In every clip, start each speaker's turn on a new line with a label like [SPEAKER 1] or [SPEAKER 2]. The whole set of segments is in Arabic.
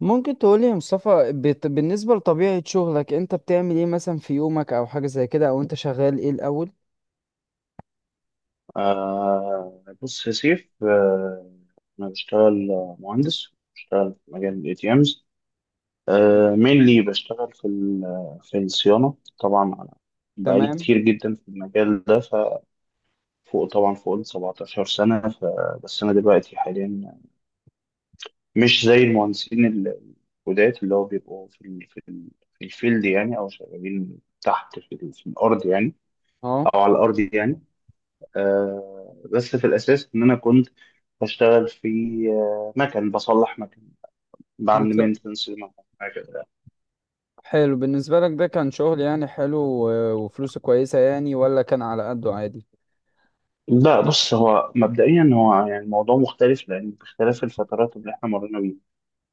[SPEAKER 1] ممكن تقولي يا مصطفى بالنسبة لطبيعة شغلك انت بتعمل ايه مثلا في يومك او حاجة زي كده، او انت شغال ايه الاول؟
[SPEAKER 2] آه، بص يا سيف. أنا بشتغل مهندس، بشتغل في مجال ال ATMs. Mainly بشتغل في الصيانة. طبعا أنا بقالي
[SPEAKER 1] تمام.
[SPEAKER 2] كتير جدا في المجال ده، ففوق طبعا فوق ال 17 سنة. فبس أنا دلوقتي حاليا مش زي المهندسين الجداد، اللي هو بيبقوا في ال في الفيلد يعني، أو شغالين تحت في الأرض يعني،
[SPEAKER 1] اه.
[SPEAKER 2] أو على الأرض يعني. بس في الأساس إن أنا كنت بشتغل في مكن، بصلح مكن، بعمل
[SPEAKER 1] بت...
[SPEAKER 2] مينتنس لمكن، حاجة كده.
[SPEAKER 1] حلو، بالنسبة لك ده كان شغل يعني حلو وفلوسه كويسة، يعني ولا كان على قده عادي؟
[SPEAKER 2] لا بص، هو مبدئيا هو يعني الموضوع مختلف، لأن باختلاف الفترات اللي إحنا مرينا بيها.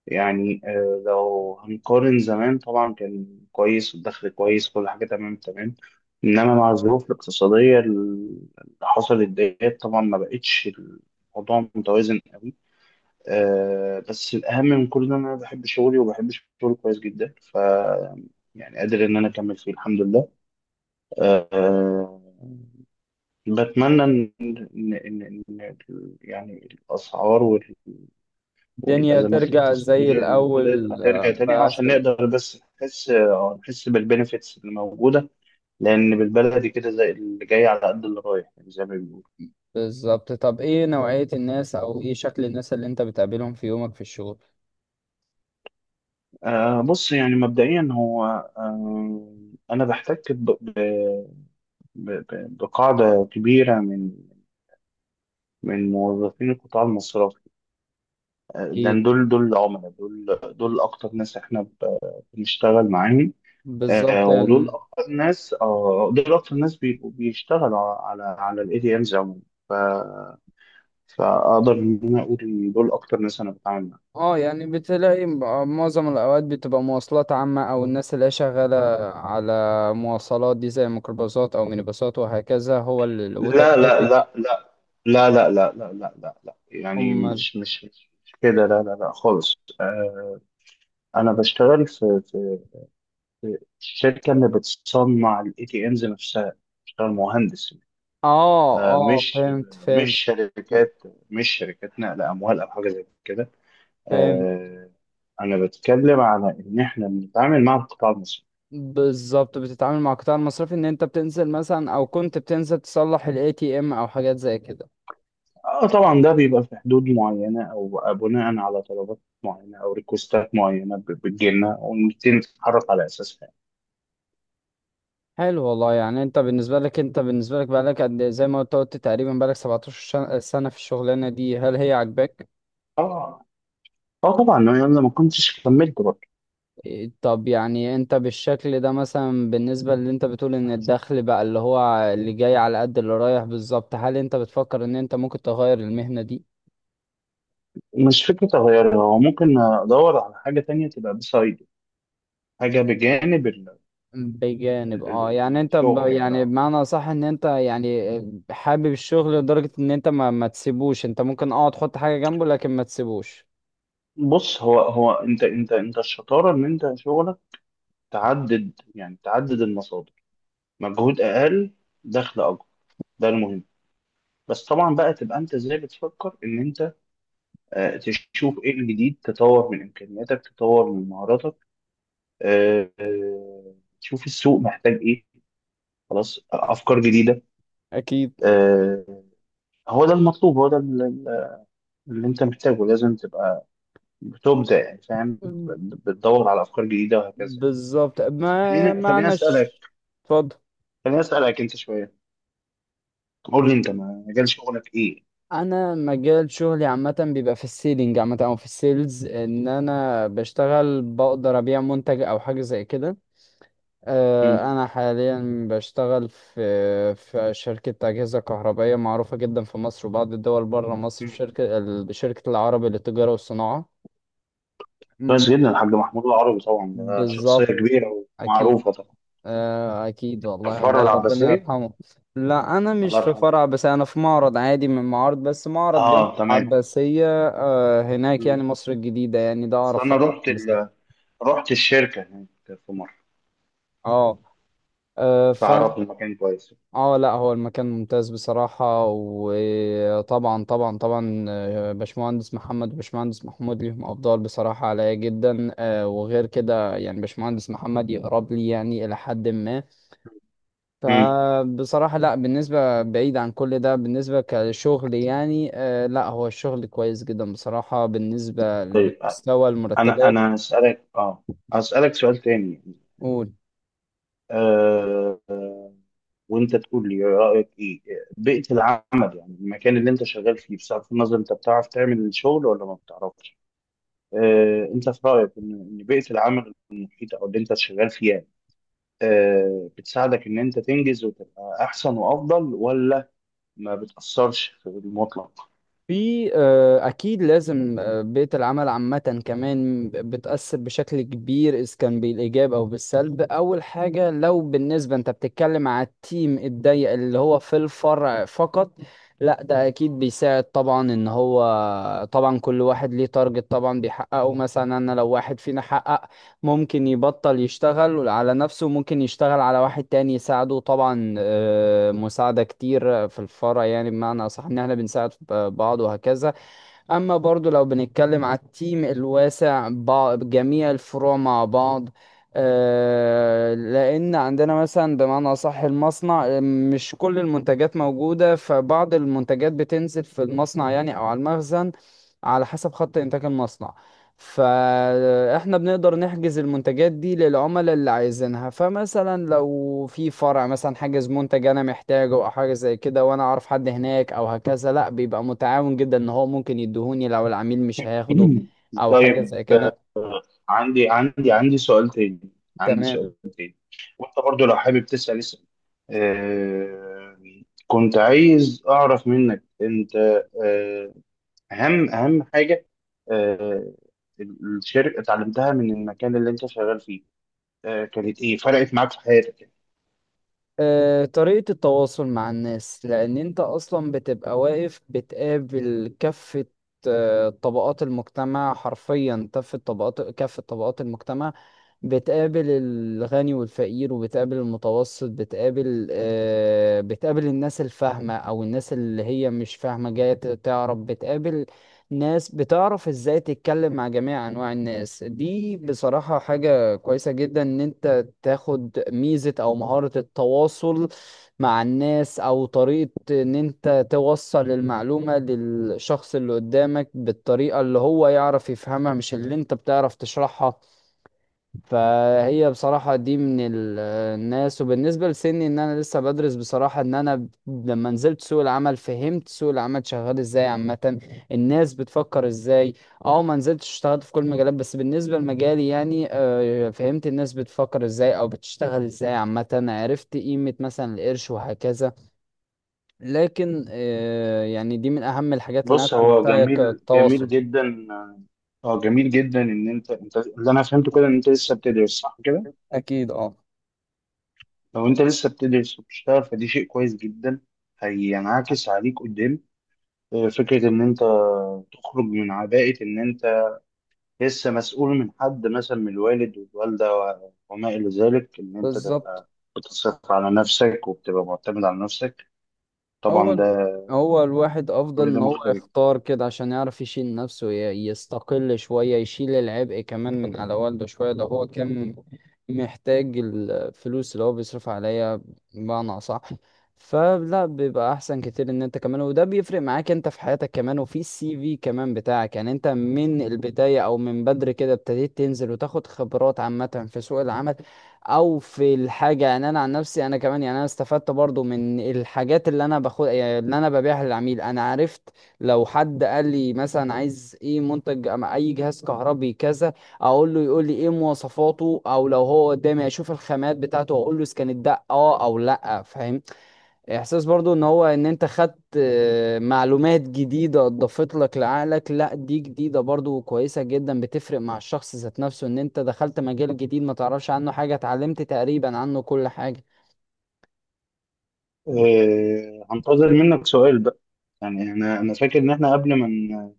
[SPEAKER 2] يعني لو هنقارن زمان، طبعا كان كويس والدخل كويس، كل حاجة تمام تمام. إنما مع الظروف الاقتصادية اللي حصلت ديت طبعا ما بقتش الموضوع متوازن قوي. بس الأهم من كل ده إن أنا بحب شغلي، وبحب شغلي كويس جدا. يعني قادر إن أنا أكمل فيه، الحمد لله. آه، بتمنى إن إن إن يعني الأسعار
[SPEAKER 1] الدنيا
[SPEAKER 2] والأزمات
[SPEAKER 1] ترجع زي
[SPEAKER 2] الاقتصادية اللي موجودة
[SPEAKER 1] الأول،
[SPEAKER 2] ترجع تاني،
[SPEAKER 1] بس.
[SPEAKER 2] عشان نقدر بس نحس، نحس بالبنفيتس اللي موجودة. لأن بالبلدي كده، زي اللي جاي على قد اللي رايح، يعني زي ما بيقولوا.
[SPEAKER 1] بالظبط. طب ايه نوعية الناس او ايه شكل الناس اللي انت بتقابلهم في يومك في الشغل؟
[SPEAKER 2] بص يعني مبدئيا هو أنا بحتك بقاعدة كبيرة من موظفين القطاع المصرفي.
[SPEAKER 1] أكيد.
[SPEAKER 2] لأن دول العملاء، دول أكتر ناس إحنا بنشتغل معاهم.
[SPEAKER 1] بالظبط
[SPEAKER 2] ودول
[SPEAKER 1] يعني.
[SPEAKER 2] أكتر ناس، دول أكتر ناس بيبقوا بيشتغلوا على الإي تي إمز عموما. ف- فأقدر إن أنا أقول إن دول أكتر ناس أنا بتعامل معاهم.
[SPEAKER 1] اه يعني بتلاقي معظم الأوقات بتبقى مواصلات عامة، أو الناس اللي هي شغالة على مواصلات دي، زي ميكروباصات أو مينيباصات وهكذا، هو
[SPEAKER 2] لا لا
[SPEAKER 1] وتكاتك؟
[SPEAKER 2] لا لا لا لا لا لا لا لا لا، يعني
[SPEAKER 1] هم
[SPEAKER 2] مش كده، لا لا لا خالص. آه، أنا بشتغل في الشركة اللي بتصنع الاي تي امز نفسها، بتشتغل مهندس.
[SPEAKER 1] اه
[SPEAKER 2] آه،
[SPEAKER 1] اه،
[SPEAKER 2] مش
[SPEAKER 1] فهمت
[SPEAKER 2] مش
[SPEAKER 1] فهمت
[SPEAKER 2] شركات، مش شركات نقل اموال او حاجه زي كده.
[SPEAKER 1] فهمت.
[SPEAKER 2] آه، انا بتكلم على ان احنا بنتعامل مع القطاع المصري.
[SPEAKER 1] بالظبط، بتتعامل مع القطاع المصرفي، إن أنت بتنزل مثلا أو كنت بتنزل تصلح ال ATM أو حاجات زي كده.
[SPEAKER 2] اه طبعا، ده بيبقى في حدود معينه، او بناء على طلبات معينه، او ريكوستات معينه بتجي لنا ونبتدي نتحرك على اساسها.
[SPEAKER 1] حلو والله. يعني انت بالنسبة لك، انت بالنسبة لك بقالك قد ايه؟ زي ما قلت تقريبا بقالك 17 سنة في الشغلانة دي، هل هي عاجباك؟
[SPEAKER 2] اه. اه طبعا، انا لما كنتش كملت برضه.
[SPEAKER 1] طب يعني انت بالشكل ده مثلا، بالنسبة اللي انت بتقول ان الدخل بقى اللي هو اللي جاي على قد اللي رايح بالظبط، هل انت بتفكر ان انت ممكن تغير المهنة دي؟
[SPEAKER 2] مش فكره اغيرها، هو ممكن ادور على حاجه تانية تبقى بسايد، حاجه بجانب
[SPEAKER 1] بجانب
[SPEAKER 2] ال-
[SPEAKER 1] اه.
[SPEAKER 2] ال-
[SPEAKER 1] يعني انت
[SPEAKER 2] الشغل يعني
[SPEAKER 1] يعني
[SPEAKER 2] آه.
[SPEAKER 1] بمعنى صح ان انت يعني حابب الشغل لدرجة ان انت ما تسيبوش، انت ممكن اه تحط حاجة جنبه لكن ما تسيبوش.
[SPEAKER 2] بص، هو انت الشطاره ان انت شغلك تعدد، يعني تعدد المصادر، مجهود اقل، دخل اكبر. ده المهم. بس طبعا بقى، تبقى انت ازاي بتفكر ان انت تشوف ايه الجديد، تطور من امكانياتك، تطور من مهاراتك، آه، آه، تشوف السوق محتاج ايه. خلاص، افكار جديده.
[SPEAKER 1] اكيد.
[SPEAKER 2] آه، هو ده المطلوب، هو ده اللي انت محتاجه. لازم تبقى بتبدع، يعني فاهم.
[SPEAKER 1] مم.
[SPEAKER 2] بتدور على افكار جديده وهكذا.
[SPEAKER 1] بالظبط.
[SPEAKER 2] بس
[SPEAKER 1] ما
[SPEAKER 2] خليني خليني
[SPEAKER 1] معنى
[SPEAKER 2] اسالك
[SPEAKER 1] اتفضل.
[SPEAKER 2] خليني اسالك انت شويه، قول لي انت مجال شغلك ايه؟
[SPEAKER 1] انا مجال شغلي عامه بيبقى في السيلينج عامه، او في السيلز، ان انا بشتغل بقدر ابيع منتج او حاجه زي كده.
[SPEAKER 2] مم.
[SPEAKER 1] انا حاليا بشتغل في شركه اجهزه كهربائيه معروفه جدا في مصر وبعض الدول بره مصر، في
[SPEAKER 2] مم.
[SPEAKER 1] شركه العربي للتجاره والصناعه. امم.
[SPEAKER 2] كويس جدا. الحاج محمود العربي، طبعا ده شخصية
[SPEAKER 1] بالظبط.
[SPEAKER 2] كبيرة
[SPEAKER 1] اكيد.
[SPEAKER 2] ومعروفة طبعا.
[SPEAKER 1] أكيد والله،
[SPEAKER 2] الفرع
[SPEAKER 1] الله ربنا
[SPEAKER 2] العباسية.
[SPEAKER 1] يرحمه. لا أنا مش
[SPEAKER 2] الله
[SPEAKER 1] في
[SPEAKER 2] يرحمه.
[SPEAKER 1] فرع، بس أنا في معرض عادي من معارض، بس معرض جنب
[SPEAKER 2] اه تمام.
[SPEAKER 1] العباسية هناك يعني،
[SPEAKER 2] مم.
[SPEAKER 1] مصر الجديدة يعني، ده
[SPEAKER 2] بس
[SPEAKER 1] أعرف
[SPEAKER 2] انا
[SPEAKER 1] فرع العباسية.
[SPEAKER 2] رحت الشركة هناك في مرة،
[SPEAKER 1] اه. فأنا
[SPEAKER 2] فعرفت المكان كويس.
[SPEAKER 1] اه. لا هو المكان ممتاز بصراحة، وطبعا طبعا طبعا باشمهندس محمد وباشمهندس محمود ليهم أفضال بصراحة عليا جدا، وغير كده يعني باشمهندس محمد يقرب لي يعني إلى حد ما.
[SPEAKER 2] مم.
[SPEAKER 1] فبصراحة، لا بالنسبة بعيد عن كل ده، بالنسبة كشغل يعني، آه لا هو الشغل كويس جدا بصراحة بالنسبة
[SPEAKER 2] طيب،
[SPEAKER 1] لمستوى
[SPEAKER 2] انا
[SPEAKER 1] المرتبات.
[SPEAKER 2] انا اسالك، اسالك سؤال تاني.
[SPEAKER 1] قول.
[SPEAKER 2] آه، آه، وانت تقول لي رايك ايه. بيئه العمل، يعني المكان اللي انت شغال فيه، بصرف النظر انت بتعرف تعمل الشغل ولا ما بتعرفش. انت في رايك ان بيئه العمل المحيطه او اللي انت شغال فيها بتساعدك ان انت تنجز وتبقى احسن وافضل، ولا ما بتاثرش في المطلق؟
[SPEAKER 1] في أكيد لازم، بيئة العمل عامة كمان بتأثر بشكل كبير، إذا كان بالإيجاب أو بالسلب. أول حاجة، لو بالنسبة أنت بتتكلم على التيم الضيق اللي هو في الفرع فقط، لا ده أكيد بيساعد طبعا، إن هو طبعا كل واحد ليه تارجت طبعا بيحققه. مثلا أنا لو واحد فينا حقق، ممكن يبطل يشتغل على نفسه وممكن يشتغل على واحد تاني يساعده، طبعا مساعدة كتير في الفرع، يعني بمعنى أصح إن احنا بنساعد بعض وهكذا. أما برضو لو بنتكلم على التيم الواسع جميع الفروع مع بعض، لأن عندنا مثلا بمعنى أصح المصنع، مش كل المنتجات موجودة، فبعض المنتجات بتنزل في المصنع يعني أو على المخزن، على حسب خط إنتاج المصنع. فاحنا بنقدر نحجز المنتجات دي للعملاء اللي عايزينها. فمثلا لو في فرع مثلا حاجز منتج انا محتاجه او حاجه زي كده، وانا اعرف حد هناك او هكذا، لا بيبقى متعاون جدا ان هو ممكن يديهوني لو العميل مش هياخده او حاجه
[SPEAKER 2] طيب.
[SPEAKER 1] زي كده.
[SPEAKER 2] عندي عندي سؤال تاني، عندي
[SPEAKER 1] تمام.
[SPEAKER 2] سؤال تاني. وانت برضو لو حابب تسأل، اسأل. آه كنت عايز اعرف منك انت، آه اهم حاجة آه الشركة اتعلمتها من المكان اللي انت شغال فيه، كانت ايه فرقت معاك في حياتك؟
[SPEAKER 1] طريقة التواصل مع الناس، لأن أنت أصلا بتبقى واقف بتقابل كافة طبقات المجتمع، حرفيا كافة طبقات، كافة طبقات المجتمع. بتقابل الغني والفقير، وبتقابل المتوسط، بتقابل بتقابل الناس الفاهمة أو الناس اللي هي مش فاهمة جاية تعرف، بتقابل ناس. بتعرف ازاي تتكلم مع جميع انواع الناس دي، بصراحة حاجة كويسة جدا ان انت تاخد ميزة او مهارة التواصل مع الناس، او طريقة ان انت توصل المعلومة للشخص اللي قدامك بالطريقة اللي هو يعرف يفهمها، مش اللي انت بتعرف تشرحها. فهي بصراحة دي من الناس. وبالنسبة لسني ان انا لسه بدرس، بصراحة ان انا لما نزلت سوق العمل فهمت سوق العمل شغال ازاي عامة، الناس بتفكر ازاي. اه، ما نزلتش اشتغلت في كل المجالات، بس بالنسبة لمجالي يعني فهمت الناس بتفكر ازاي او بتشتغل ازاي عامة، عرفت قيمة مثلا القرش وهكذا. لكن يعني دي من اهم الحاجات اللي انا
[SPEAKER 2] بص، هو
[SPEAKER 1] اتعلمتها،
[SPEAKER 2] جميل جميل
[SPEAKER 1] التواصل.
[SPEAKER 2] جدا. اه جميل جدا، ان انت، اللي انا فهمته كده ان انت لسه بتدرس، صح كده؟
[SPEAKER 1] اكيد اه.
[SPEAKER 2] لو انت لسه بتدرس وبتشتغل، فدي شيء كويس جدا، هينعكس عليك قدام. فكرة إن أنت تخرج من عباءة إن أنت لسه مسؤول من حد، مثلا من الوالد والوالدة وما إلى ذلك، إن أنت
[SPEAKER 1] بالظبط.
[SPEAKER 2] تبقى بتصرف على نفسك، وبتبقى معتمد على نفسك. طبعا
[SPEAKER 1] اول
[SPEAKER 2] ده،
[SPEAKER 1] هو الواحد افضل
[SPEAKER 2] كل
[SPEAKER 1] ان
[SPEAKER 2] ده
[SPEAKER 1] هو
[SPEAKER 2] مختلف.
[SPEAKER 1] يختار كده عشان يعرف يشيل نفسه، يستقل شوية، يشيل العبء كمان من على والده شوية لو هو كان محتاج الفلوس اللي هو بيصرف عليها، بمعنى اصح. فلا بيبقى احسن كتير ان انت كمان، وده بيفرق معاك انت في حياتك كمان، وفي السي في كمان بتاعك، يعني انت من البداية او من بدري كده ابتديت تنزل وتاخد خبرات عامة في سوق العمل او في الحاجه. يعني انا عن نفسي انا كمان، يعني انا استفدت برضو من الحاجات اللي انا باخد، يعني اللي انا ببيعها للعميل، انا عرفت لو حد قال لي مثلا عايز ايه منتج أم اي جهاز كهربي كذا، اقول له، يقول لي ايه مواصفاته، او لو هو قدامي اشوف الخامات بتاعته واقول له اذا كانت ده اه او لا، فاهمني؟ احساس برضو ان هو ان انت خدت معلومات جديدة اضافت لك لعقلك، لا دي جديدة برضو كويسة جدا، بتفرق مع الشخص ذات نفسه ان انت دخلت مجال جديد ما تعرفش عنه حاجة اتعلمت تقريبا عنه كل حاجة.
[SPEAKER 2] هنتظر منك سؤال بقى. يعني أنا فاكر إن إحنا قبل ما ن-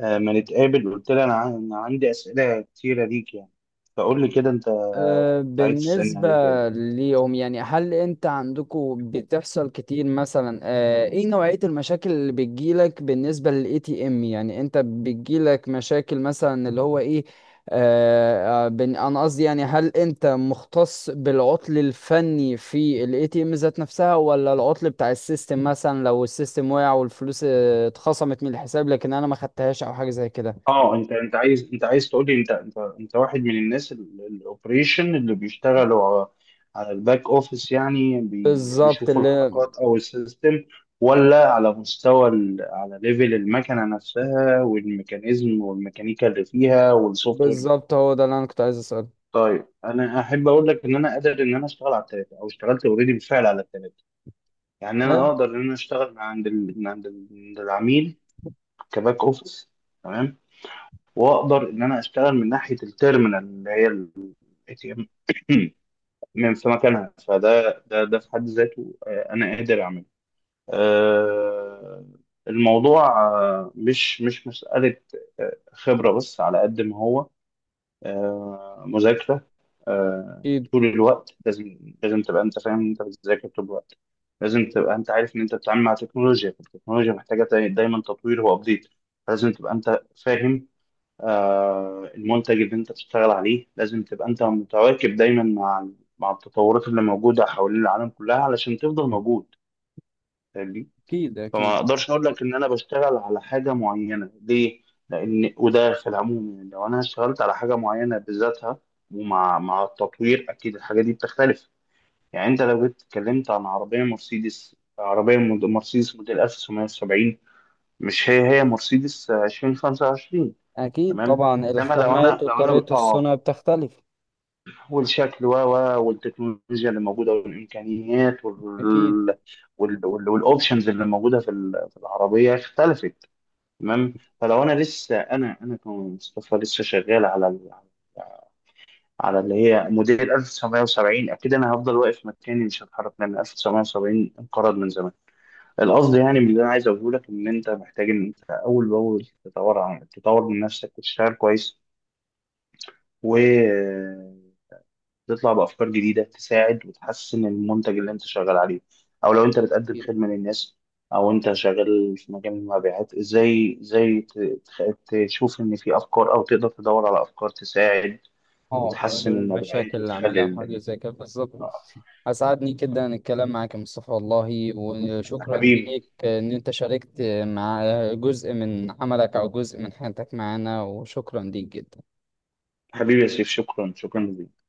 [SPEAKER 2] آه، ما نتقابل، قلت لي أنا عندي أسئلة كتيرة ليك يعني. فقول لي كده، أنت عايز تسألني
[SPEAKER 1] بالنسبة
[SPEAKER 2] على إيه تاني؟
[SPEAKER 1] ليهم يعني، هل انت عندكم بتحصل كتير مثلا ايه نوعية المشاكل اللي بتجيلك بالنسبة للاي تي ام، يعني انت بتجيلك مشاكل مثلا اللي هو ايه؟ انا قصدي يعني، هل انت مختص بالعطل الفني في الاي تي ام ذات نفسها، ولا العطل بتاع السيستم، مثلا لو السيستم وقع والفلوس اتخصمت من الحساب لكن انا ما خدتهاش او حاجة زي كده.
[SPEAKER 2] اه، انت انت عايز انت عايز تقول لي، انت واحد من الناس الاوبريشن اللي بيشتغلوا على الباك اوفيس، يعني
[SPEAKER 1] بالظبط
[SPEAKER 2] بيشوفوا
[SPEAKER 1] اللي،
[SPEAKER 2] الحركات او السيستم، ولا على على ليفل المكنه نفسها، والميكانيزم والميكانيكا اللي فيها والسوفت وير بتاعها؟
[SPEAKER 1] بالظبط هو ده اللي انا كنت عايز اسأله.
[SPEAKER 2] طيب، انا احب اقول لك ان انا قادر ان انا اشتغل على الثلاثه، او اشتغلت اوريدي بالفعل على الثلاثه. يعني
[SPEAKER 1] حلو.
[SPEAKER 2] انا اقدر ان انا اشتغل من عند العميل، كباك اوفيس. تمام. واقدر ان انا اشتغل من ناحيه التيرمينال، اللي هي الاي تي ام من في مكانها. فده ده ده في حد ذاته، انا قادر اعمله. آه، الموضوع مش مساله خبره، بس على قد ما هو مذاكره. آه، طول الوقت، لازم تبقى انت فاهم إن انت بتذاكر طول الوقت. لازم تبقى انت عارف ان انت بتتعامل مع تكنولوجيا، فالتكنولوجيا محتاجه دايما تطوير وابديت. لازم تبقى انت فاهم المنتج اللي انت بتشتغل عليه، لازم تبقى انت متواكب دايما مع التطورات اللي موجوده حوالين العالم كلها، علشان تفضل موجود. فاهمني؟
[SPEAKER 1] أكيد
[SPEAKER 2] فما
[SPEAKER 1] أكيد.
[SPEAKER 2] اقدرش اقول لك ان انا بشتغل على حاجه معينه، ليه؟ لان وده في العموم، يعني لو انا اشتغلت على حاجه معينه بذاتها، ومع التطوير، اكيد الحاجه دي بتختلف. يعني انت لو جيت اتكلمت عن عربيه مرسيدس، مرسيدس موديل 1970، مش هي هي مرسيدس 2025.
[SPEAKER 1] أكيد
[SPEAKER 2] تمام.
[SPEAKER 1] طبعا
[SPEAKER 2] انما لو انا
[SPEAKER 1] الخامات
[SPEAKER 2] لو انا
[SPEAKER 1] وطريقة
[SPEAKER 2] اه
[SPEAKER 1] الصنع بتختلف.
[SPEAKER 2] والشكل، و و والتكنولوجيا اللي موجوده، والامكانيات،
[SPEAKER 1] أكيد.
[SPEAKER 2] والاوبشنز اللي موجوده في العربيه، اختلفت. تمام. فلو انا، لسه انا كمصطفى لسه شغال على على اللي هي موديل 1970، اكيد انا هفضل واقف مكاني، مش هتحرك، لان 1970 انقرض من زمان. القصد يعني، من اللي انا عايز اقوله لك، ان انت محتاج ان انت اول باول تطور، تطور من نفسك وتشتغل كويس، و تطلع بأفكار جديدة تساعد وتحسن المنتج اللي أنت شغال عليه، أو لو أنت بتقدم
[SPEAKER 1] أكيد.
[SPEAKER 2] خدمة للناس، أو أنت شغال في مجال المبيعات، إزاي تشوف إن في أفكار، أو تقدر تدور على أفكار تساعد
[SPEAKER 1] أه
[SPEAKER 2] وتحسن
[SPEAKER 1] حلول المشاكل
[SPEAKER 2] المبيعات،
[SPEAKER 1] اللي
[SPEAKER 2] وتخلي
[SPEAKER 1] عاملها حاجة
[SPEAKER 2] الدنيا.
[SPEAKER 1] زي كده بالظبط. أسعدني جدا الكلام معاك يا مصطفى والله، وشكرا
[SPEAKER 2] حبيبي،
[SPEAKER 1] ليك إن أنت شاركت مع جزء من عملك أو جزء من حياتك معانا، وشكرا ليك جدا.
[SPEAKER 2] حبيبي يا سيف، شكرا، شكرا ليك.